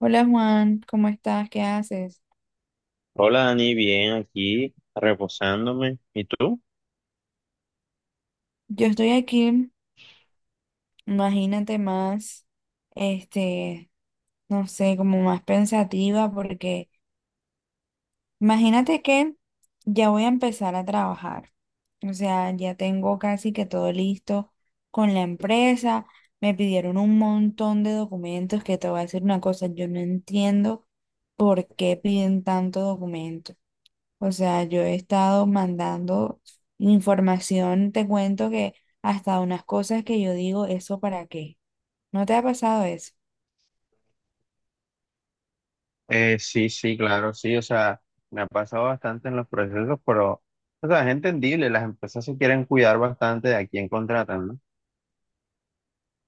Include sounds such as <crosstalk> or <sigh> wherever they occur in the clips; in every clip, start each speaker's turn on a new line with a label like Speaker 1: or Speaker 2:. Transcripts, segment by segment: Speaker 1: Hola Juan, ¿cómo estás? ¿Qué haces?
Speaker 2: Hola Dani, bien aquí, reposándome. ¿Y tú?
Speaker 1: Yo estoy aquí, imagínate más, este, no sé, como más pensativa porque imagínate que ya voy a empezar a trabajar. O sea, ya tengo casi que todo listo con la empresa. Me pidieron un montón de documentos que te voy a decir una cosa, yo no entiendo por qué piden tanto documento. O sea, yo he estado mandando información, te cuento que hasta unas cosas que yo digo, ¿eso para qué? ¿No te ha pasado eso?
Speaker 2: Sí, sí, claro, sí, o sea, me ha pasado bastante en los procesos, pero, o sea, es entendible, las empresas se quieren cuidar bastante de a quién contratan, ¿no?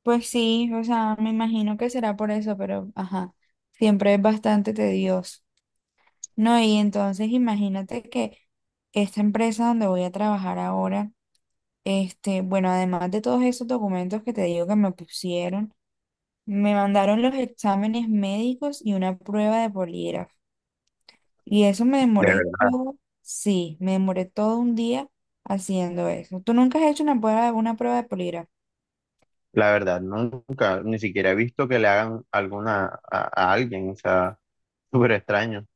Speaker 1: Pues sí, o sea, me imagino que será por eso, pero ajá, siempre es bastante tedioso. No, y entonces imagínate que esta empresa donde voy a trabajar ahora, bueno, además de todos esos documentos que te digo que me pusieron, me mandaron los exámenes médicos y una prueba de polígrafo. Y eso me
Speaker 2: De
Speaker 1: demoré
Speaker 2: verdad,
Speaker 1: todo, sí, me demoré todo un día haciendo eso. ¿Tú nunca has hecho una prueba de polígrafo?
Speaker 2: la verdad, nunca, ni siquiera he visto que le hagan alguna a alguien, o sea, <laughs> súper extraño.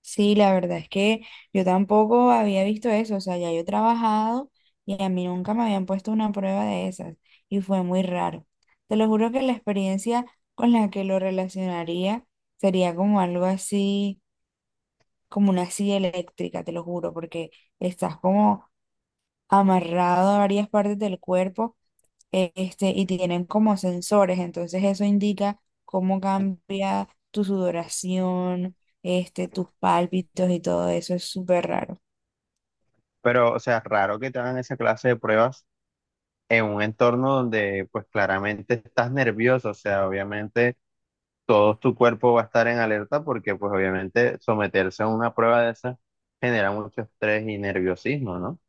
Speaker 1: Sí, la verdad es que yo tampoco había visto eso, o sea, ya yo he trabajado y a mí nunca me habían puesto una prueba de esas y fue muy raro. Te lo juro que la experiencia con la que lo relacionaría sería como algo así, como una silla eléctrica, te lo juro, porque estás como amarrado a varias partes del cuerpo y tienen como sensores, entonces eso indica cómo cambia tu sudoración, tus pálpitos y todo eso, es súper raro.
Speaker 2: Pero, o sea, raro que te hagan esa clase de pruebas en un entorno donde, pues, claramente estás nervioso, o sea, obviamente todo tu cuerpo va a estar en alerta porque pues obviamente someterse a una prueba de esa genera mucho estrés y nerviosismo, ¿no?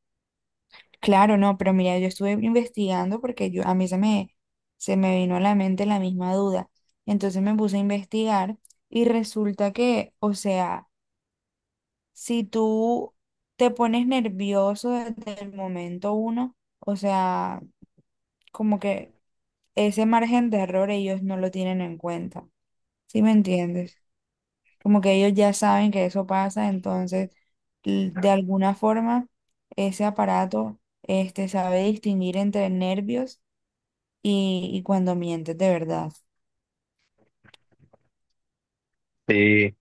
Speaker 1: Claro, no, pero mira, yo estuve investigando porque yo, a mí se me vino a la mente la misma duda, entonces me puse a investigar y resulta que, o sea, si tú te pones nervioso desde el momento uno, o sea, como que ese margen de error ellos no lo tienen en cuenta. ¿Sí me entiendes? Como que ellos ya saben que eso pasa, entonces de alguna forma ese aparato sabe distinguir entre nervios y cuando mientes de verdad.
Speaker 2: Sí,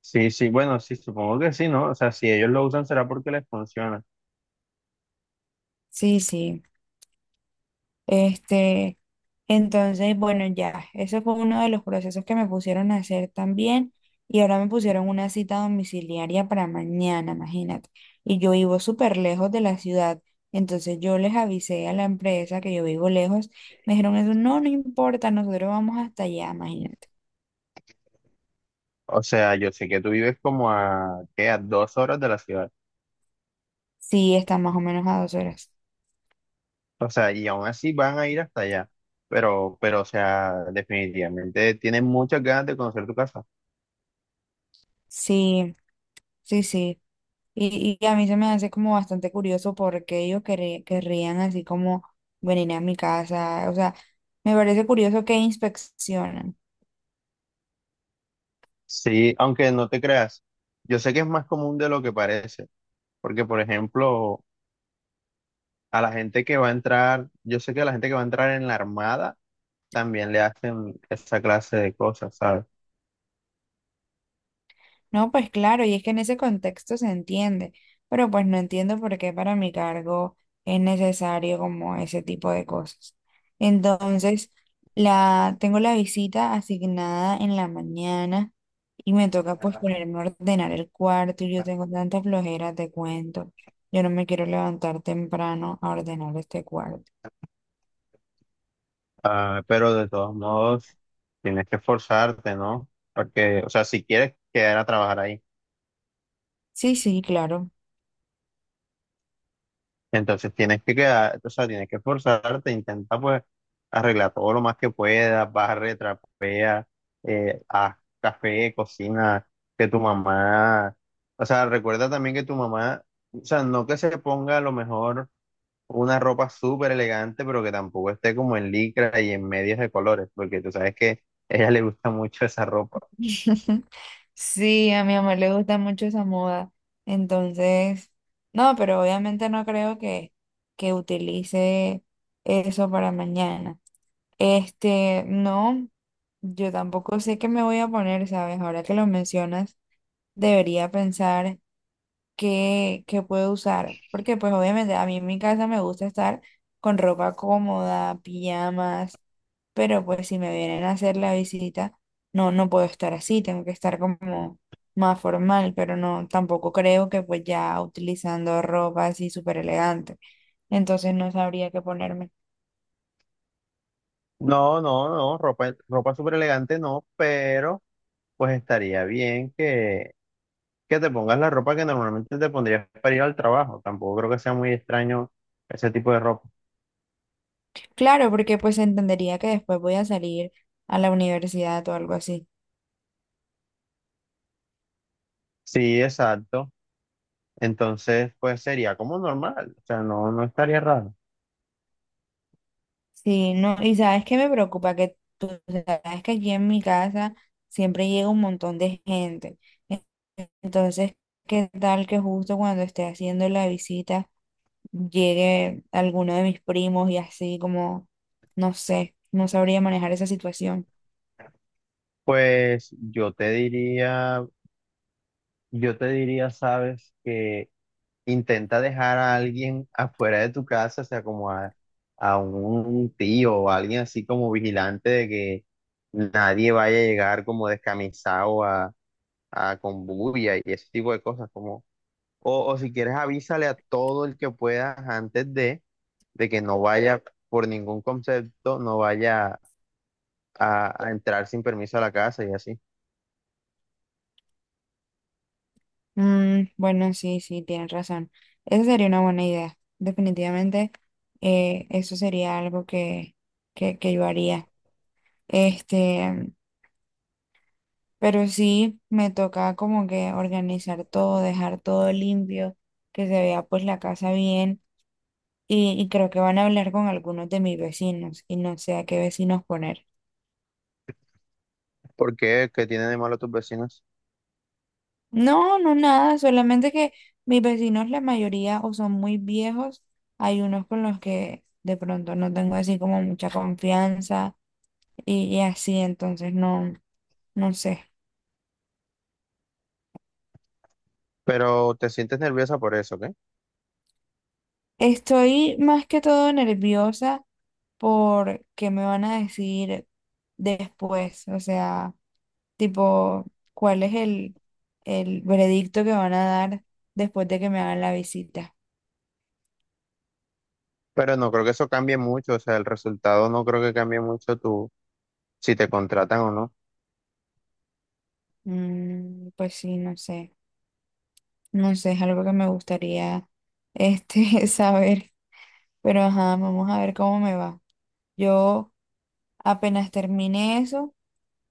Speaker 2: sí, sí, bueno, sí, supongo que sí, ¿no? O sea, si ellos lo usan será porque les funciona.
Speaker 1: Sí, sí. Este, entonces, bueno, ya, ese fue uno de los procesos que me pusieron a hacer también. Y ahora me pusieron una cita domiciliaria para mañana, imagínate. Y yo vivo súper lejos de la ciudad. Entonces yo les avisé a la empresa que yo vivo lejos. Me dijeron eso, no, no importa, nosotros vamos hasta allá, imagínate.
Speaker 2: O sea, yo sé que tú vives como a, ¿qué? A dos horas de la ciudad.
Speaker 1: Sí, está más o menos a dos horas.
Speaker 2: O sea, y aún así van a ir hasta allá. Pero, o sea, definitivamente tienen muchas ganas de conocer tu casa.
Speaker 1: Sí, sí, sí. Y a mí se me hace como bastante curioso porque ellos querrían así como venir a mi casa. O sea, me parece curioso que inspeccionan.
Speaker 2: Sí, aunque no te creas, yo sé que es más común de lo que parece. Porque, por ejemplo, a la gente que va a entrar, yo sé que a la gente que va a entrar en la armada también le hacen esa clase de cosas, ¿sabes?
Speaker 1: No, pues claro, y es que en ese contexto se entiende, pero pues no entiendo por qué para mi cargo es necesario como ese tipo de cosas. Entonces, tengo la visita asignada en la mañana y me toca pues ponerme a ordenar el cuarto y yo tengo tanta flojera, te cuento. Yo no me quiero levantar temprano a ordenar este cuarto.
Speaker 2: Ah, pero de todos modos, tienes que esforzarte, ¿no? Porque, o sea, si quieres quedar a trabajar ahí,
Speaker 1: Sí, sí, claro.
Speaker 2: entonces tienes que quedar, o sea, tienes que esforzarte, intenta pues arreglar todo lo más que puedas, barre, trapea, haz café, cocina, que tu mamá, o sea, recuerda también que tu mamá, o sea, no que se ponga a lo mejor una ropa súper elegante, pero que tampoco esté como en licra y en medias de colores, porque tú sabes que a ella le gusta mucho esa ropa.
Speaker 1: <laughs> Sí, a mi mamá le gusta mucho esa moda. Entonces, no, pero obviamente no creo que utilice eso para mañana. No, yo tampoco sé qué me voy a poner, ¿sabes? Ahora que lo mencionas, debería pensar que puedo usar. Porque pues obviamente a mí en mi casa me gusta estar con ropa cómoda, pijamas, pero pues si me vienen a hacer la visita, no, no puedo estar así, tengo que estar como más formal, pero no, tampoco creo que pues ya utilizando ropa así súper elegante. Entonces no sabría qué ponerme.
Speaker 2: No, no, no, ropa, ropa súper elegante no, pero pues estaría bien que te pongas la ropa que normalmente te pondrías para ir al trabajo. Tampoco creo que sea muy extraño ese tipo de ropa.
Speaker 1: Claro, porque pues entendería que después voy a salir a la universidad o algo así.
Speaker 2: Sí, exacto. Entonces, pues sería como normal, o sea, no, no estaría raro.
Speaker 1: Sí, no, y sabes que me preocupa que tú sabes que aquí en mi casa siempre llega un montón de gente. En- Entonces, ¿qué tal que justo cuando esté haciendo la visita llegue alguno de mis primos y así como, no sé, no sabría manejar esa situación?
Speaker 2: Pues yo te diría, sabes, que intenta dejar a alguien afuera de tu casa, o sea, como a un tío o alguien así como vigilante de que nadie vaya a llegar como descamisado a con bulla y ese tipo de cosas, como, o si quieres avísale a todo el que puedas antes de que no vaya por ningún concepto, no vaya a entrar sin permiso a la casa y así.
Speaker 1: Mm, bueno, sí, sí, tienes razón. Esa sería una buena idea. Definitivamente, eso sería algo que yo haría. Este. Pero sí me toca como que organizar todo, dejar todo limpio, que se vea pues la casa bien. Y creo que van a hablar con algunos de mis vecinos y no sé a qué vecinos poner.
Speaker 2: ¿Por qué? ¿Qué tienen de malo tus vecinos?
Speaker 1: No, no nada, solamente que mis vecinos la mayoría o son muy viejos, hay unos con los que de pronto no tengo así como mucha confianza y así, entonces no, no sé.
Speaker 2: Pero te sientes nerviosa por eso, ¿ok?
Speaker 1: Estoy más que todo nerviosa por qué me van a decir después, o sea, tipo, cuál es el veredicto que van a dar después de que me hagan la visita.
Speaker 2: Pero no creo que eso cambie mucho, o sea, el resultado no creo que cambie mucho tú si te contratan o no.
Speaker 1: Mm, pues sí, no sé, no sé, es algo que me gustaría <laughs> saber, pero ajá, vamos a ver cómo me va. Yo apenas termine eso,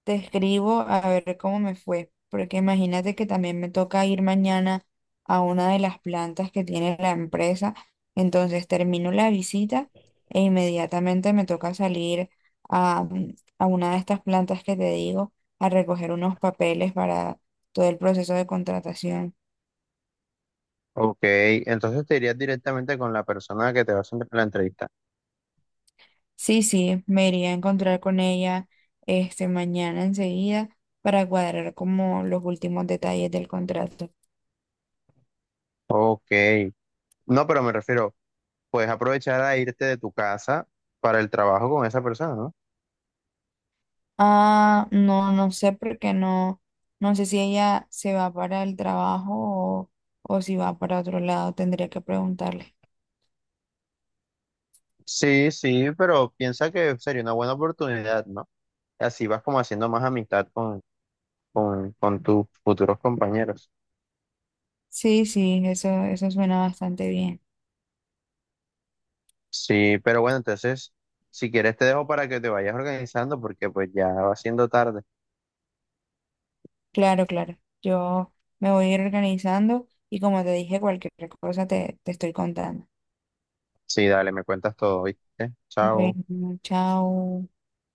Speaker 1: te escribo a ver cómo me fue, porque imagínate que también me toca ir mañana a una de las plantas que tiene la empresa, entonces termino la visita e inmediatamente me toca salir a, a una de estas plantas que te digo a recoger unos papeles para todo el proceso de contratación.
Speaker 2: Ok, entonces te irías directamente con la persona que te va a hacer la entrevista.
Speaker 1: Sí, sí, me iría a encontrar con ella este mañana enseguida para cuadrar como los últimos detalles del contrato.
Speaker 2: Ok, no, pero me refiero, puedes aprovechar a irte de tu casa para el trabajo con esa persona, ¿no?
Speaker 1: Ah, no sé porque no sé si ella se va para el trabajo o si va para otro lado, tendría que preguntarle.
Speaker 2: Sí, sí, pero piensa que sería una buena oportunidad, ¿no? Así vas como haciendo más amistad con tus futuros compañeros.
Speaker 1: Sí, sí, eso suena bastante bien.
Speaker 2: Sí, pero bueno, entonces, si quieres te dejo para que te vayas organizando porque pues ya va siendo tarde.
Speaker 1: Claro, claro. Yo me voy a ir organizando y como te dije, cualquier cosa te estoy contando.
Speaker 2: Sí, dale, me cuentas todo, ¿viste? Chao.
Speaker 1: Bueno, chao.